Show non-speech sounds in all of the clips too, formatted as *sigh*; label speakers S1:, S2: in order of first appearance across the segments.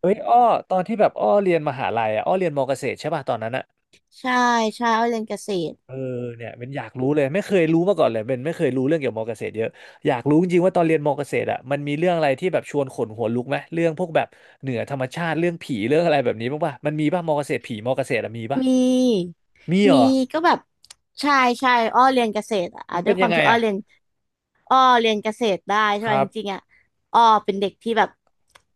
S1: เอ้ยอ้อตอนที่แบบอ้อเรียนมหาลัยอ่ะอ้อเรียนมอเกษตรใช่ป่ะตอนนั้นอ่ะ
S2: ใช่ใช่อ้อยเรียนเกษตร
S1: เออเนี่ยเป็นอยากรู้เลยไม่เคยรู้มาก่อนเลยเป็นไม่เคยรู้เรื่องเกี่ยวกับมอเกษตรเยอะอยากรู้จริงๆว่าตอนเรียนมอเกษตรอ่ะมันมีเรื่องอะไรที่แบบชวนขนหัวลุกไหมเรื่องพวกแบบเหนือธรรมชาติเรื่องผีเรื่องอะไรแบบนี้บ้างป่ะมันมีป่ะมอเกษตรผีมอเกษตรอะมีป่ะ
S2: มี
S1: มีเหร
S2: มี
S1: อ
S2: ก็แบบใช่ใช่อ้อเรียนเกษตรอ่ะ
S1: มัน
S2: ด้
S1: เป็
S2: ว
S1: น
S2: ยค
S1: ยั
S2: วา
S1: ง
S2: ม
S1: ไง
S2: ที่อ้อ
S1: อ่ะ
S2: เรียน อ้อเรียนเกษตรได้ใช่
S1: ค
S2: ไหม
S1: รั
S2: จริงๆ
S1: บ
S2: อ่ะอ้อเป็นเด็กที่แบบ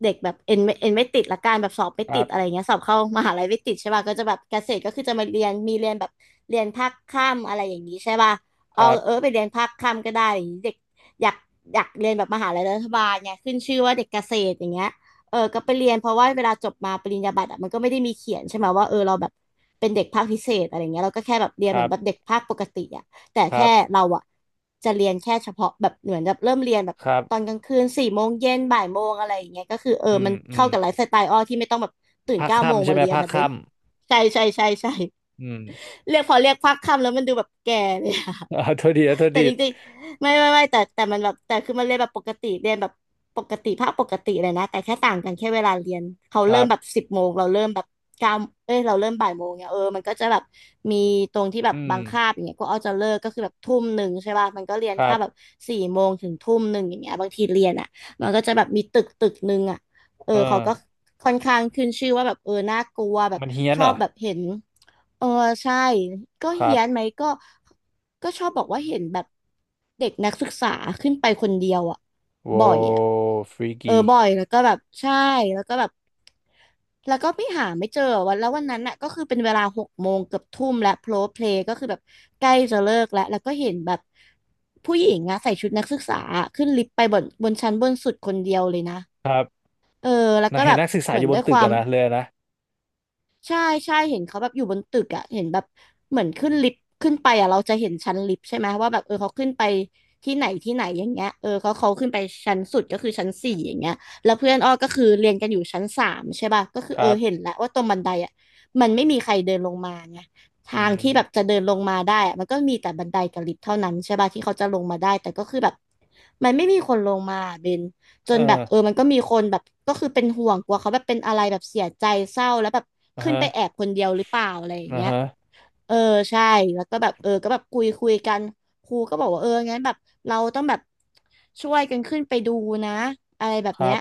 S2: เด็กแบบเอ็นไม่ติดละกันแบบสอบไม่
S1: ค
S2: ติ
S1: รั
S2: ดอะไร
S1: บ
S2: เงี้ยสอบเข้ามหาลัยไม่ติดใช่ป่ะก็จะแบบเกษตรก็คือจะมาเรียนเรียนแบบเรียนภาคค่ำอะไรอย่างนี้ใช่ป่ะ
S1: ค
S2: เอา
S1: รับ
S2: เออไปเรียนภาคค่ำก็ได้อะไรอย่างนี้เด็กอยากอยากเรียนแบบมหาลัยรัฐบาลเงขึ้นชื่อว่าเด็กเกษตรอย่างเงี้ยเออก็ไปเรียนเพราะว่าเวลาจบมาปริญญาบัตรอะมันก็ไม่ได้มีเขียนใช่ไหมว่าเออเราแบบเป็นเด็กภาคพิเศษอะไรเงี้ยเราก็แค่แบบเรี
S1: ค
S2: ยนเหมื
S1: รั
S2: อนแบบ
S1: บ
S2: เด็กภาคปกติอ่ะ แต่
S1: ครั
S2: แค่
S1: บ
S2: เราอะจะเรียนแค่เฉพาะแบบเหมือนแบบเริ่มเรียนแบบ
S1: ครับ
S2: ตอนกลางคืนสี่โมงเย็นบ่ายโมงอะไรอย่างเงี้ยก็คือเออ
S1: อื
S2: มั
S1: ม
S2: น
S1: อื
S2: เข้า
S1: ม
S2: กับไลฟ์สไตล์อ้อที่ไม่ต้องแบบตื่น
S1: ภาค
S2: เก้าโมง
S1: ค่ำใช่
S2: มา
S1: ไหม
S2: เรียน
S1: ภาค
S2: นะเบ
S1: ค่
S2: นใช่
S1: ำอืม
S2: เรียกพักค่ำแล้วมันดูแบบแก่เลยอะ
S1: *laughs* อ่าโทษดีนะโท
S2: *laughs*
S1: ษ
S2: แต่
S1: ดี
S2: จริงๆไม่แต่มันแบบแต่คือมันเรียนแบบปกติเรียนแบบปกติภาคปกติเลยนะแต่แค่ต่างกันแค่เวลาเรียนเขา
S1: ค
S2: เริ่
S1: รั
S2: มแบบ
S1: บ
S2: สิบโมงเราเริ่มแบบเก้าเราเริ่มบ่ายโมงเนี่ยเออมันก็จะแบบมีตรงที่แบบ
S1: อืม
S2: บางคาบอย่างเงี้ยก็เอาจะเลิกก็คือแบบทุ่มหนึ่งใช่ป่ะมันก็เรียน
S1: ครั
S2: แค่แบบ
S1: บ
S2: สี่โมงถึงทุ่มหนึ่งอย่างเงี้ยบางทีเรียนอ่ะมันก็จะแบบมีตึกหนึ่งอ่ะเออ
S1: เอ
S2: เขา
S1: อ
S2: ก็ค่อนข้างขึ้นชื่อว่าแบบเออน่ากลัวแบบ
S1: มันเฮี้ยน
S2: ช
S1: เห
S2: อ
S1: ร
S2: บ
S1: อ
S2: แบบเห็น เออใช่ก็
S1: ครั
S2: เฮี้
S1: บ
S2: ยนไหมก็ชอบบอกว่าเห็นแบบเด็กนักศึกษาขึ้นไปคนเดียวอ่ะ
S1: โว้
S2: บ่อยอ่ะ
S1: ฟรี
S2: เออ
S1: กี
S2: บ่อยแล้วก็แบบใช่แล้วก็แบบแล้วก็ไม่เจอวันแล้ววันนั้นน่ะก็คือเป็นเวลาหกโมงเกือบทุ่มและโพลเพลก็คือแบบใกล้จะเลิกแล้วแล้วก็เห็นแบบผู้หญิงอะใส่ชุดนักศึกษาขึ้นลิฟต์ไปบนชั้นบนสุดคนเดียวเลยนะเออแล้วก็
S1: นะเห็
S2: แบ
S1: น
S2: บ
S1: นักศึกษา
S2: เห
S1: อ
S2: มือน
S1: ยู่บ
S2: ด้
S1: น
S2: วยค
S1: ตึก
S2: วา
S1: อะ
S2: ม
S1: นะเลยนะ
S2: ใช่ใช่เห็นเขาแบบอยู่บนตึกอ่ะเห็นแบบเหมือนขึ้นลิฟต์ขึ้นไปอ่ะเราจะเห็นชั้นลิฟต์ใช่ไหมว่าแบบเออเขาขึ้นไปที่ไหนอย่างเงี้ยเออเขาขึ้นไปชั้นสุดก็คือชั้นสี่อย่างเงี้ยแล้วเพื่อนอ้อก็คือเรียนกันอยู่ชั้นสามใช่ป่ะก็คือ
S1: ค
S2: เออ
S1: รับ
S2: เห็นแล้วว่าตรงบันไดอ่ะมันไม่มีใครเดินลงมาไงทา
S1: อื
S2: ง
S1: ม
S2: ที่แบบจะเดินลงมาได้อะมันก็มีแต่บันไดกับลิฟต์เท่านั้นใช่ป่ะที่เขาจะลงมาได้แต่ก็คือแบบมันไม่มีคนลงมาเบน จ
S1: เอ
S2: นแบบ
S1: อ
S2: เออมันก็มีคนแบบก็คือเป็นห่วงกลัวเขาแบบเป็นอะไรแบบเสียใจเศร้าแล้วแบบ
S1: อ่า
S2: ขึ้น
S1: ฮะ
S2: ไปแอบคนเดียวหรือเปล่าอะไรอย่าง
S1: อ่า
S2: เงี้ย
S1: ฮะ
S2: เออใช่แล้วก็แบบเออก็แบบคุยกันครูก็บอกว่าเอองั้นแบบเราต้องแบบช่วยกันขึ้นไปดูนะอะไรแบบ
S1: ครั
S2: เนี้ย
S1: บ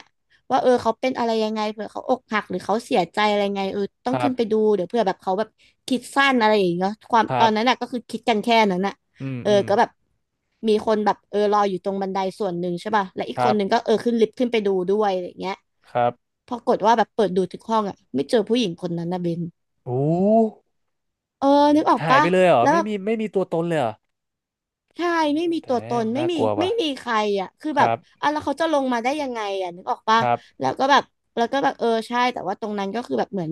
S2: ว่าเออเขาเป็นอะไรยังไงเผื่อเขาอกหักหรือเขาเสียใจอะไรไงเออต้อ
S1: ค
S2: ง
S1: รั
S2: ขึ้
S1: บ
S2: นไปดูเดี๋ยวเผื่อแบบเขาแบบคิดสั้นอะไรอย่างเงี้ยความ
S1: ค
S2: ต
S1: รั
S2: อนนั้นน่ะ
S1: บ
S2: ก็คือคิดกันแค่นั้นน่ะ
S1: อืม
S2: เออ
S1: อืม
S2: ก็แบบมีคนแบบเออรออยู่ตรงบันไดส่วนหนึ่งใช่ป่ะและอีก
S1: ค
S2: ค
S1: รั
S2: น
S1: บ
S2: หนึ่งก็เออขึ้นลิฟต์ขึ้นไปดูด้วยอะไรอย่างเงี้ย
S1: ครับ
S2: ปรากฏว่าแบบเปิดดูทุกห้องอ่ะไม่เจอผู้หญิงคนนั้นนะเบน
S1: โอ้
S2: เออนึกออก
S1: หาย
S2: ปะ
S1: ไปเลยเหรอ
S2: แล้ว
S1: ไม่
S2: แบบ
S1: มีไม่มีตัวตนเลยเหรอ
S2: ใช่ไม่มีตั
S1: แต่
S2: วตนไม่
S1: น่า
S2: มี
S1: กลัว
S2: ไม่
S1: ว่ะ
S2: มีใครอ่ะคือ
S1: ค
S2: แบบ
S1: รับ
S2: อ่ะแล้วเขาจะลงมาได้ยังไงอ่ะนึกออก
S1: ค
S2: ปะ
S1: รั
S2: แล้
S1: บ
S2: วก็แบบแล้วก็แบบเออใช่แต่ว่าตรงนั้นก็คือแบบเหมือน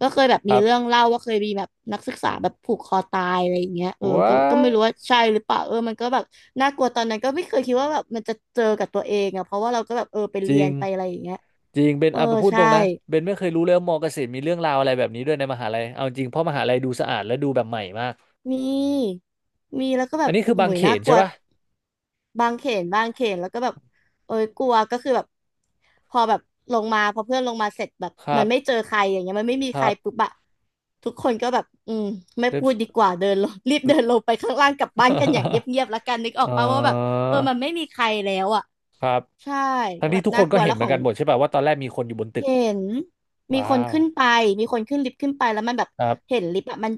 S2: ก็เคยแบบ
S1: ค
S2: มี
S1: รั
S2: เรื่อง
S1: บ
S2: เล่าว่าเคยมีแบบนักศึกษาแบบผูกคอตายอะไรอย่างเงี้ยเออ
S1: ว้า
S2: ก็ไม่รู้ว่าใช่หรือเปล่าเออมันก็แบบน่ากลัวตอนนั้นก็ไม่เคยคิดว่าแบบมันจะเจอกับตัวเองอ่ะเพราะว่าเราก็แบบเออไป
S1: จ
S2: เรี
S1: ริ
S2: ย
S1: ง
S2: นไปอะไรอย่างเงี้ย
S1: จริงเป็น
S2: เออ
S1: อ่ะพูดต
S2: ใช่
S1: รงนะเบนไม่เคยรู้เลยว่ามอเกษตรมีเรื่องราวอะไรแบบนี้ด้วยในมหาลัยเอาจริงเพราะมหาลัยดูสะอาดและดูแบบใหม่มาก
S2: มีมีแล้วก็แบ
S1: อัน
S2: บ
S1: นี้คือบา
S2: โห
S1: ง
S2: ย
S1: เข
S2: น่า
S1: น
S2: ก
S1: ใช่
S2: ลัว
S1: ปะ
S2: บางเขนบางเขนแล้วก็แบบเอ้ยกลัวก็คือแบบพอแบบลงมาพอเพื่อนลงมาเสร็จแบบ
S1: ครั
S2: มันไม่
S1: บ
S2: เจอใครอย่างเงี้ยมันไม่มี
S1: ค
S2: ใค
S1: รั
S2: รปุ๊บ
S1: บ
S2: อะทุกคนก็แบบอืมไม่
S1: เล็บ
S2: พูดดีกว่าเดินลง *laughs* รีบเดินลงไปข้างล่างกลับบ้านกันอย่างเ
S1: *laughs*
S2: งียบๆแล้วกันนึกออ
S1: เอ่
S2: ก
S1: อ
S2: ปะว่าแบบเออมันไม่มีใครแล้วอะ
S1: ครับ
S2: ใช่
S1: ทั้ง
S2: ก็แบ
S1: ที่
S2: บ
S1: ทุกค
S2: น่า
S1: น
S2: ก
S1: ก็
S2: ลัว
S1: เห็
S2: แล้
S1: น
S2: ว
S1: เห
S2: ข
S1: มือ
S2: อ
S1: น
S2: ง
S1: กันหมดใช่ป่ะว่าตอนแรกมีคนอยู่บนตึก
S2: เห็นมีค
S1: ว้า
S2: น
S1: ว
S2: ขึ้นไปมีคนขึ้นลิฟต์ขึ้นไปแล้วมันแบบ
S1: ครั
S2: เห็
S1: บ
S2: นลิฟต์อะมัน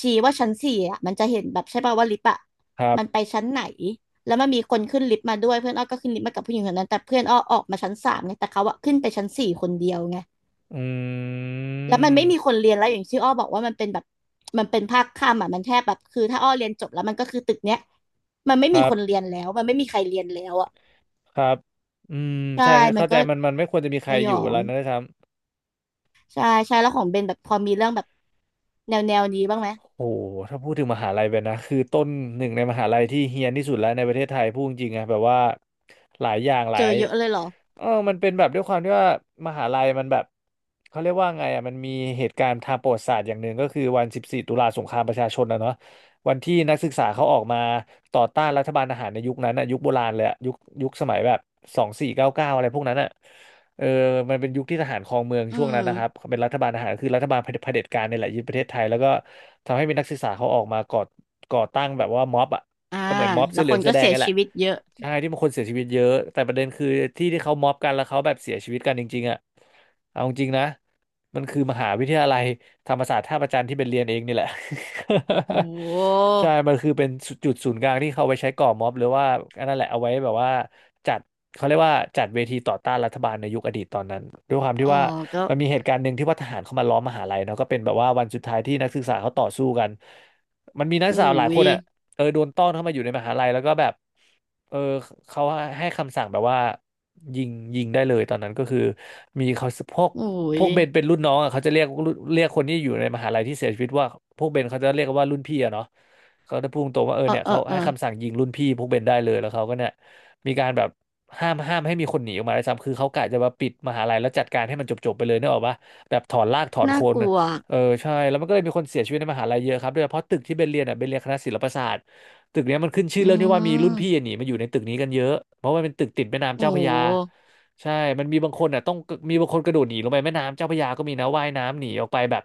S2: ชี้ว่าชั้นสี่อะมันจะเห็นแบบใช่ป่าวว่าลิฟต์อะ
S1: ครับ
S2: มันไปชั้นไหนแล้วมันมีคนขึ้นลิฟต์มาด้วยเพื่อนอ้อก็ขึ้นลิฟต์มากับผู้หญิงคนนั้นแต่เพื่อนอ้อออกมาชั้นสามไงแต่เขาอะขึ้นไปชั้นสี่คนเดียวไง
S1: อื
S2: แล้วมันไม่มีค
S1: ม
S2: นเรียนแล้วอย่างที่อ้อบอกว่ามันเป็นแบบมันเป็นภาคค่ำอะมันแทบแบบคือถ้าอ้อเรียนจบแล้วมันก็คือตึกเนี้ยมันไม่
S1: ค
S2: มี
S1: รั
S2: คน
S1: บ
S2: เรียนแล้วมันไม่มีใครเรียนแล้วอะ
S1: ครับอืม
S2: ใช่
S1: ใช่
S2: มัน
S1: เข้าใจ
S2: ก็
S1: มันมันไม่ควรจะมีใค
S2: ส
S1: ร
S2: ย
S1: อ
S2: อ
S1: ยู่เว
S2: ง
S1: ลานั้นนะครับ
S2: ใช่ใช่แล้วของเบนแบบพอมีเรื่องแบบแนวนี้บ้างไหม
S1: โอ้โหถ้าพูดถึงมหาลัยแบบนนะ คือต้นหนึ่งในมหาลัยที่เฮี้ยนที่สุดแล้วในประเทศไทยพูดจริงๆอะแบบว่าหลายอย่างหลา
S2: เจอ
S1: ย
S2: เยอะเลยเหรอ
S1: เออมันเป็นแบบด้วยความที่ว่ามหาลัยมันแบบเขาเรียกว่าไงอ่ะมันมีเหตุการณ์ทางประวัติศาสตร์อย่างหนึ่งก็คือวัน14ตุลาสงครามประชาชนนะเนาะวันที่นักศึกษาเขาออกมาต่อต้านรัฐบาลทหารในยุคนั้นอะยุคโบราณเลยอะยุคยุคสมัยแบบ2499อะไรพวกนั้นอะ เออมันเป็นยุคที่ทหารครองเมือง
S2: อื
S1: ช่วงนั้
S2: ม
S1: นนะครับเป็นรัฐบาลทหารคือรัฐบาลเผด็จการเนี่ยแหละยึดประเทศไทยแล้วก็ทำให้มีนักศึกษาเขาออกมาก่อตั้งแบบว่าม็อบอ่ะ
S2: อ่า
S1: ก็เหมือนม็อบ
S2: แล้
S1: เสื้อ
S2: ว
S1: เหลื
S2: ค
S1: อง
S2: น
S1: เสื้
S2: ก็
S1: อแดง
S2: เสีย
S1: นี่แห
S2: ชี
S1: ละ
S2: วิตเยอะ
S1: ใช่ที่มันคนเสียชีวิตเยอะแต่ประเด็นคือที่ที่เขาม็อบกันแล้วเขาแบบเสียชีวิตกันจริงๆอ่ะเอาจริงนะ มันคือมหาวิทยาลัยธรรมศาสตร์ท่าพระจันทร์ที่เป็นเรียนเองนี่แหละ
S2: โอ้
S1: *laughs*
S2: โ
S1: ใช่
S2: ห
S1: มันคือเป็นจุดศูนย์กลางที่เขาไว้ใช้ก่อม็อบหรือว่าอันนั้นแหละเอาไว้แบบว่าจัดเขาเรียกว่าจัดเวทีต่อต้านรัฐบาลในยุคอดีตตอนนั้นด้วยความ
S2: เอ
S1: ที่
S2: อ
S1: ว่า
S2: ก็
S1: มันมีเหตุการณ์หนึ่งที่ว่าทหารเข้ามาล้อมมหาลัยเนาะก็เป็นแบบว่าวันสุดท้ายที่นักศึกษาเขาต่อสู้กันมันมีนักศึก
S2: อุ้
S1: ษาหลายค
S2: ย
S1: นอ่ะเออโดนต้อนเข้ามาอยู่ในมหาลัยแล้วก็แบบเออเขาให้คำสั่งแบบว่ายิงยิงได้เลยตอนนั้นก็คือมีเขาพวก
S2: อุ้ย
S1: เบนเป็นรุ่นน้องอ่ะเขาจะเรียกคนที่อยู่ในมหาลัยที่เสียชีวิตว่าพวกเบนเขาจะเรียกว่ารุ่นพี่อะเนาะเขาจะพูดตรงว่าเออ
S2: เออ
S1: เนี่ย
S2: เออ
S1: เขา
S2: เออ
S1: ให้คำสั่งยิงรุ่นพี่พวกเบนได้เลยแล้วเขาก็เนี่ยมีการแบบห้ามให้มีคนหนีออกมาได้วยซ้ำคือเขากะจะมาปิดมหาลัยแล้วจัดการให้มันจบๆไปเลยนึกออกปะแบบถอนรากถอนโค
S2: น่า
S1: น
S2: กลัว
S1: เออใช่แล้วมันก็เลยมีคนเสียชีวิตในมหาลัยเยอะครับโดยเฉพาะตึกที่เบนเรียนอ่ะเบนเรียนคณะศิลปศาสตร์ตึกเนี้ยมันขึ้นชื่อ
S2: อื
S1: เรื่องที่ว่ามีรุ่นพี่
S2: ม
S1: หนีมาอยู่ในตึกนี้กันเยอะเพราะว่าเป็นตึกติดแม่น้ำ
S2: โอ้
S1: เจ้าพระยา
S2: ห
S1: ใช่มันมีบางคนอ่ะต้องมีบางคนกระโดดหนีลงไปแม่น้ำเจ้าพระยาก็มีนะว่ายน้ำหนีออกไปแบบ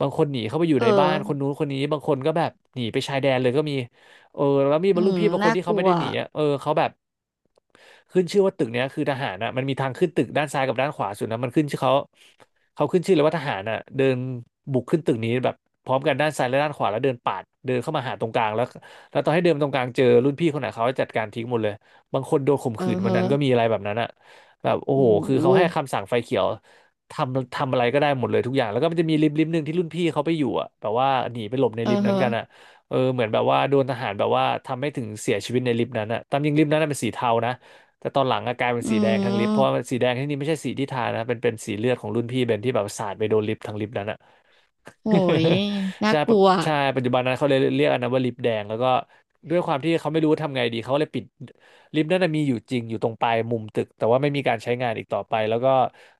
S1: บางคนหนีเข้าไปอยู่
S2: เออ
S1: ในบ้านคนนู้นคนนี้บางคนก็แบบหนีไปชายแดนเลยก็มีเออแล้วมีบ
S2: อื
S1: รรลุ
S2: ม
S1: พี่บางค
S2: น่า
S1: นที่
S2: ก
S1: เขา
S2: ลั
S1: ไม่
S2: ว
S1: ได้หนีอะเออเขาแบบขึ้นชื่อว่าตึกเนี้ยคือทหารอ่ะมันมีทางขึ้นตึกด้านซ้ายกับด้านขวาสุดนะมันขึ้นชื่อเขาขึ้นชื่อเลยว่าทหารอ่ะเดินบุกขึ้นตึกนี้แบบพร้อมกันด้านซ้ายและด้านขวาแล้วเดินปาดเดินเข้ามาหาตรงกลางแล้วแล้วตอนให้เดินตรงกลางเจอรุ่นพี่คนไหนเขาจะจัดการทิ้งหมดเลยบางคนโดนข่ม
S2: เออ
S1: ขืนวัน
S2: ฮะ
S1: นั้นก็มีอะไรแบบนั้นอะ แบบโอ้โห
S2: โอ้
S1: คือเขาให้
S2: ห
S1: คำสั่งไฟเขียวทำอะไรก็ได้หมดเลยทุกอย่างแล้วก็มันจะมีลิฟต์หนึ่งที่รุ่นพี่เขาไปอยู่อ่ะแบบว่าหนีไปหลบใน
S2: เออ
S1: ลิฟต์นั้น
S2: ฮะ
S1: กันอ่ะเออเหมือนแบบว่าโดนทหารแบบว่าทำให้ถึงเสียชีวิตในลิฟต์นั้นอ่ะตามจริงลิฟต์นั้นนะเป็นสีเทานะแต่ตอนหลังอะกลายเป็น
S2: อื
S1: สีแดงทั้งลิฟต์เพราะว่า
S2: ม
S1: สีแดงที่นี่ไม่ใช่สีที่ทานะเป็นสีเลือดของรุ่นพี่เบนที่แบบสาดไปโดนลิฟต์ทั้งลิฟต์นั้นอะ
S2: โอ้ยน่า
S1: ใช่
S2: ก
S1: ปะ
S2: ลัว
S1: ใช่ ปัจจุบันนั้นเขาเลยเรียกอันนั้นว่าลิปแดงแล้วก็ด้วยความที่เขาไม่รู้ทำไงดีเขาก็เลยปิดลิฟ์นั่นนะมีอยู่จริงอยู่ตรงปลายมุมตึกแต่ว่าไม่มีการใช้งานอีกต่อไปแล้วก็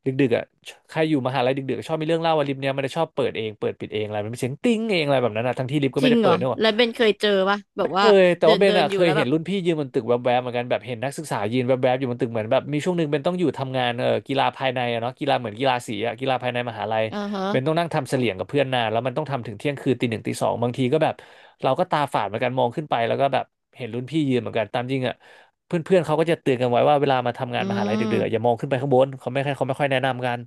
S1: ดึกๆอ่ะใครอยู่มหาลัยดึกๆชอบมีเรื่องเล่าว่าลิฟ์เนี้ยมันจะชอบเปิดเองเปิดปิดเองอะไรมันเป็นเสียงติ้งเองอะไรแบบนั้นนะทั้งที่ลิฟก็
S2: จ
S1: ไม่
S2: ริง
S1: ได้
S2: เหร
S1: เปิด
S2: อ
S1: เนกอะ
S2: แล้วเบนเคยเจอปะแบ
S1: เค
S2: บว่า
S1: ยแต่
S2: เดิ
S1: ว่า
S2: น
S1: เบ
S2: เดิ
S1: น
S2: น
S1: อะ
S2: อ
S1: เค
S2: ยู่
S1: ย
S2: แล้ว
S1: เห็
S2: แบ
S1: น
S2: บ
S1: รุ่นพี่ยืนบนตึกแวบๆเหมือนกันแบบเห็นนักศึกษายืนแวบๆอยู่บนตึกเหมือนแบบมีช่วงหนึ่งเบนต้องอยู่ทำงานกีฬาภายในอะเนาะกีฬาเหมือนกีฬาสีอะกีฬาภายในมหาลัย
S2: เออฮะ
S1: เบนต้องนั่งทำเสลี่ยงกับเพื่อนนานแล้วมันต้องทำถึงเที่ยงคืนตีหนึ่งตีสองบางทีก็แบบเราก็ตาฝาดเหมือนกันมองขึ้นไปแล้วก็แบบเห็นรุ่นพี่ยืนเหมือนกันตามจริงอะเพื่อนๆเขาก็จะเตือนกันไว้ว่าเวลามาทำงา
S2: อื
S1: นมหาลัยดึกๆอะอย่า
S2: ม
S1: มองขึ้นไปข้างบนเขาไม่ค่อยแนะนำกัน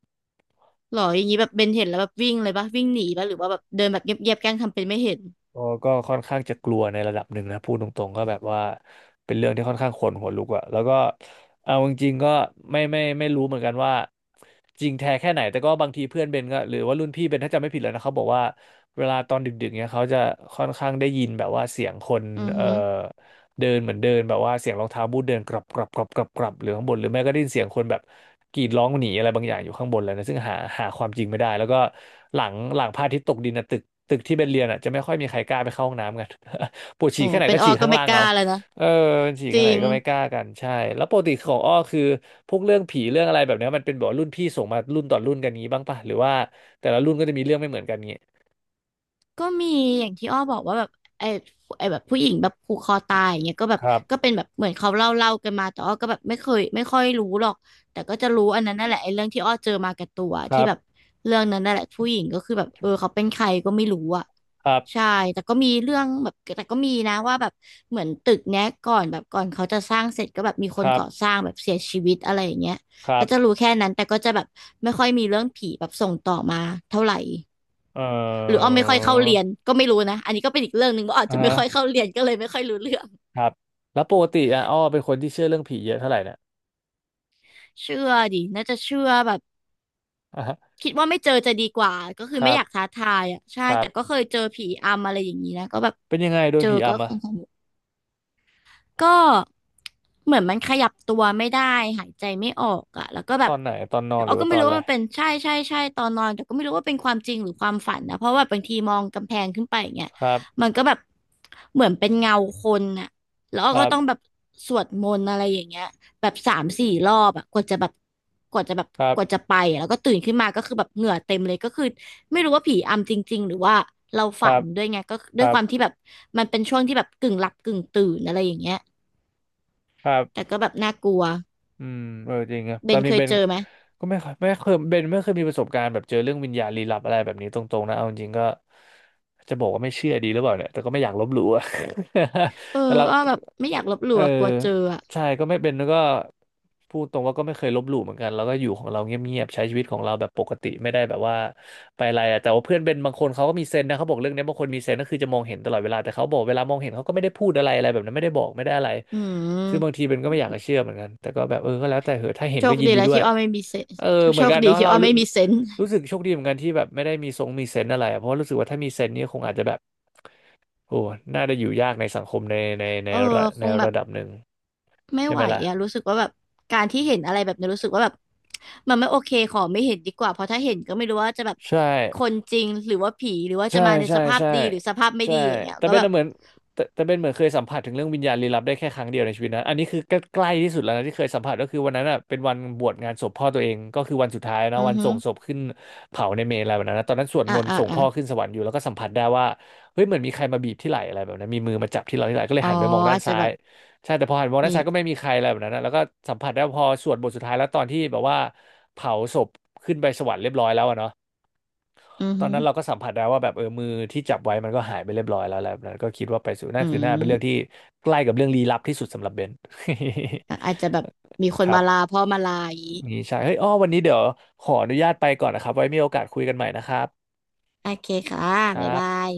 S2: หรออย่างนี้แบบเบนเห็นแล้วแบบวิ่งเลยปะวิ่งหนีปะหรือว่าแบบเดินแบบเงียบๆแกล้งทำเป็นไม่เห็น
S1: ก็ค่อนข้างจะกลัวในระดับหนึ่งนะพูดตรงๆก็แบบว่าเป็นเรื่องที่ค่อนข้างขนหัวลุกอะแล้วก็เอาจริงๆก็ไม่รู้เหมือนกันว่าจริงแท้แค่ไหนแต่ก็บางทีเพื่อนเบนก็หรือว่ารุ่นพี่เบนถ้าจำไม่ผิดเลยนะเขาบอกว่าเวลาตอนดึกๆเนี่ยเขาจะค่อนข้างได้ยินแบบว่าเสียงคน
S2: อือ
S1: เอ่อ
S2: ฮึ
S1: เดินเหมือนเดินแบบว่าเสียงรองเท้าบูทเดินกรับหรือข้างบนหรือไม่ก็ได้ยินเสียงคนแบบ กรีดร้องหนีอะไรบางอย่างอยู่ข้างบนเลยนะซึ่งหาความจริงไม่ได้แล้วก็หลังพระอาทิตย์ตกดินนะตึกที่เป็นเรียนอ่ะจะไม่ค่อยมีใครกล้าไปเข้าห้องน้ำกัน *laughs* ปวด
S2: โอ้
S1: ฉี่แค่ไหน
S2: เป็น
S1: ก็
S2: ออ
S1: ฉี่
S2: ก็
S1: ข้าง
S2: ไม่
S1: ล่าง
S2: ก
S1: เอา
S2: ล้าแล้วนะ
S1: เออฉี่
S2: จ
S1: แค่
S2: ริ
S1: ไหน
S2: ง
S1: ก็ไม่กล้ากันใช่แล้วปกติของอ้อคือพวกเรื่องผีเรื่องอะไรแบบเนี้ยมันเป็นแบบรุ่นพี่ส่งมารุ่นต่อรุ่นกันงี้บ้างปะหรือว่าแต่ละรุ่นก็จะมีเรื่องไม่เหมือนกันงี้
S2: ก็มีอย่างที่อ้อบอกว่าแบบไอ้ไอ้แบบผู้หญิงแบบผูกคอตายอย่างเงี้ยก็แบ
S1: ค
S2: บ
S1: รับ
S2: ก็เป็นแบบเหมือนเขาเล่ากันมาแต่อ้อก็แบบไม่เคยไม่ค่อยรู้หรอกแต่ก็จะรู้อันนั้นนั่นแหละไอ้เรื่องที่อ้อเจอมากับตัว
S1: ค
S2: ที่
S1: รับ
S2: แบบเรื่องนั้นนั่นแหละผู้หญิงก็คือแบบเออเขาเป็นใครก็ไม่รู้อ่ะ
S1: ครั
S2: ใช่
S1: บ
S2: แต่ก็มีเรื่องแบบแต่ก็มีนะว่าแบบเหมือนตึกเนี้ยก่อนเขาจะสร้างเสร็จก็แบบมีค
S1: ค
S2: น
S1: รับ
S2: ก่อสร้างแบบเสียชีวิตอะไรอย่างเงี้ย
S1: ครั
S2: ก็
S1: บ
S2: จะรู้แค่นั้นแต่ก็จะแบบไม่ค่อยมีเรื่องผีแบบส่งต่อมาเท่าไหร่
S1: เอ
S2: หรืออ้
S1: อ
S2: อไม่ค่อยเข้าเรียนก็ไม่รู้นะอันนี้ก็เป็นอีกเรื่องหนึ่งว่าอาจ
S1: อ่า
S2: จะไม่
S1: ฮะ
S2: ค่อยเข้าเรียนก็เลยไม่ค่อยรู้เรื่อง
S1: ครับแล้วปกติอ่ะอ้อเป็นคนที่เชื่อเรื่องผีเยอะเท่าไหร่เนี่ย
S2: เชื่อดิน่าจะเชื่อแบบ
S1: อ่าฮะ
S2: คิดว่าไม่เจอจะดีกว่าก็คื
S1: ค
S2: อไม่
S1: รั
S2: อ
S1: บ
S2: ยากท้าทายอ่ะใช่
S1: ครั
S2: แต่
S1: บ
S2: ก็เคยเจอผีอำอะไรอย่างนี้นะก็แบบ
S1: เป็นยังไงโด
S2: เจ
S1: น
S2: อ
S1: ผี
S2: ก็
S1: อำอะ
S2: ค่อนข้าง ก็เหมือนมันขยับตัวไม่ได้หายใจไม่ออกอะแล้วก็แบ
S1: ต
S2: บ
S1: อนไหนตอนนอนห
S2: เรา
S1: รือ
S2: ก็
S1: ว่า
S2: ไม่
S1: ตอน
S2: รู้
S1: อะ
S2: ว่า
S1: ไร
S2: มันเป็นใช่ตอนนอนแต่ก็ไม่รู้ว่าเป็นความจริงหรือความฝันนะเพราะว่าบางทีมองกำแพงขึ้นไปอย่างเงี้ย
S1: ครั
S2: มั
S1: บ
S2: นก็แบบเหมือนเป็นเงาคนอะแล้ว
S1: ค
S2: ก็
S1: รั
S2: ต้องแบ
S1: บ
S2: บสวดมนต์อะไรอย่างเงี้ยแบบสามสี่รอบอะกว่าจะแบบ
S1: ครั
S2: กว่า
S1: บ
S2: จะไปอะแล้วก็ตื่นขึ้นมาก็คือแบบเหงื่อเต็มเลยก็คือไม่รู้ว่าผีอำจริงๆหรือว่าเรา
S1: ค
S2: ฝั
S1: รั
S2: น
S1: บ
S2: ด้วยไงก็
S1: ค
S2: ด้วย
S1: รั
S2: ค
S1: บ
S2: วามที่แบบมันเป็นช่วงที่แบบกึ่งหลับกึ่งตื่นอะไรอย่างเงี้ย
S1: ครั
S2: แต่
S1: บ
S2: ก็แบบน่ากลัว
S1: อืมเออจริงอะ
S2: เบ
S1: ตอ
S2: น
S1: นนี้
S2: เคย
S1: เบน
S2: เจอไหม
S1: ก็ไม่เคยเบนไม่เคยมีประสบการณ์แบบเจอเรื่องวิญญาณลี้ลับอะไรแบบนี้ตรงๆนะเอาจริงๆก็จะบอกว่าไม่เชื่อดีหรือเปล่าเนี่ยแต่ก็ไม่อยากลบหลู่อะ *laughs*
S2: เออ
S1: แต่เรา
S2: อ้อแบบไม่อยากลบห
S1: เอ
S2: ลู่
S1: อ
S2: อะกลัวเจออะ
S1: ใช่ก็ไม่เป็นแล้วก็พูดตรงว่าก็ไม่เคยลบหลู่เหมือนกันแล้วก็อยู่ของเราเงียบๆใช้ชีวิตของเราแบบปกติไม่ได้แบบว่าไปอะไรอะแต่ว่าเพื่อนเป็นบางคนเขาก็มีเซนส์นะเขาบอกเรื่องเนี้ยบางคนมีเซนส์ก็คือจะมองเห็นตลอดเวลาแต่เขาบอกเวลามองเห็นเขาก็ไม่ได้พูดอะไรอะไรแบบนั้นไม่ได้บอกไม่ได้อะไร
S2: อื
S1: ซึ่งบาง
S2: ม
S1: ทีเป็นก็ไม่อยากจะเชื่อเหมือนกันแต่ก็แบบเออก็แล้วแต่เหอะถ้าเห็น
S2: โช
S1: ก็
S2: ค
S1: ยิน
S2: ดี
S1: ดี
S2: แล้ว
S1: ด้วย
S2: ที่อ้อไม่มีเซน
S1: เออเหมื
S2: โช
S1: อน
S2: ค
S1: กัน
S2: ดี
S1: เนาะ
S2: ที่
S1: เรา
S2: อ้อ
S1: รู้
S2: ไม่มีเซนส์
S1: รู้สึกโชคดีเหมือนกันที่แบบไม่ได้มีทรงมีเซนส์อะไรอะเพราะว่ารู้สึกว่าถ้ามีเซนส์นี่ยคงอาจจะแบบ โอ้น่าจะอยู่ยากในสังคมใน
S2: เออ
S1: ระ
S2: คงแบบ
S1: ดับหนึ่ง
S2: ไม่
S1: ใช่ไห
S2: ไห
S1: ม
S2: ว
S1: ล่ะ
S2: อะรู้สึกว่าแบบการที่เห็นอะไรแบบนี้รู้สึกว่าแบบมันไม่โอเคขอไม่เห็นดีกว่าเพราะถ้าเห็นก็ไม่รู้ว่าจะแบบ
S1: ใช่
S2: คนจริงหรือว่าผีหรือว่าจะ
S1: ใช่
S2: มาใน
S1: ใช่
S2: สภาพ
S1: ใช่
S2: ดีหรือสภาพไม่
S1: ใช่
S2: ดีอย่างเงี้ย
S1: แต่
S2: ก็
S1: เบน
S2: แบบ
S1: น่ะเหมือนแต่เบนเหมือนเคยสัมผัสถึงเรื่องวิญญาณลี้ลับได้แค่ครั้งเดียวในชีวิตนะอันนี้คือใกล้ๆที่สุดแล้วนะที่เคยสัมผัสก็คือวันนั้นอ่ะเป็นวันบวชงานศพพ่อตัวเองก็คือวันสุดท้ายนะ
S2: อือ
S1: วัน
S2: ฮึ
S1: ส่งศพขึ้นเผาในเมรุอะไรแบบนั้นนะตอนนั้นสวด
S2: อ่า
S1: มนต์
S2: อ่า
S1: ส่ง
S2: อ่า
S1: พ่อขึ้นสวรรค์อยู่แล้วก็สัมผัสได้ว่าเฮ้ยเหมือนมีใครมาบีบที่ไหล่อะไรแบบนั้นมีมือมาจับที่เราที่ไหล่ก็เลย
S2: อ๋อ
S1: หันไปมองด้า
S2: อา
S1: น
S2: จจะ
S1: ซ้า
S2: แบ
S1: ย
S2: บ
S1: ใช่แต่พอหันมองด้าน
S2: มี
S1: ซ้ายก็ไม่มีใครอะไรแบบนั้นนะแล้วก็สัมผัสได้ว่าพอสวดบทสุดท้ายแล้วตอนที่แบบว่าเผาศพขึ้นไปสวรรค์เรียบร้อยแล้วอะเนาะ
S2: อือ
S1: ตอน
S2: ฮึ
S1: นั้นเราก็สัมผัสได้ว่าแบบเออมือที่จับไว้มันก็หายไปเรียบร้อยแล้วแหละแล้วก็คิดว่าไปสู่หน้า
S2: อื
S1: คือหน้าเป็นเรื่องที่
S2: ม
S1: ใกล้กับเรื่องลี้ลับที่สุดสำหรับเบน
S2: อะอาจจะแบบมีค
S1: *laughs* ค
S2: น
S1: รั
S2: มา
S1: บ
S2: ลาพ่อมาลาอย่างงี้
S1: นี่ใช่เฮ้ยอ้อวันนี้เดี๋ยวขออนุญาตไปก่อนนะครับไว้มีโอกาสคุยกันใหม่นะครับ
S2: โอเคค่ะ
S1: ค
S2: บ๊าย
S1: รับ
S2: บาย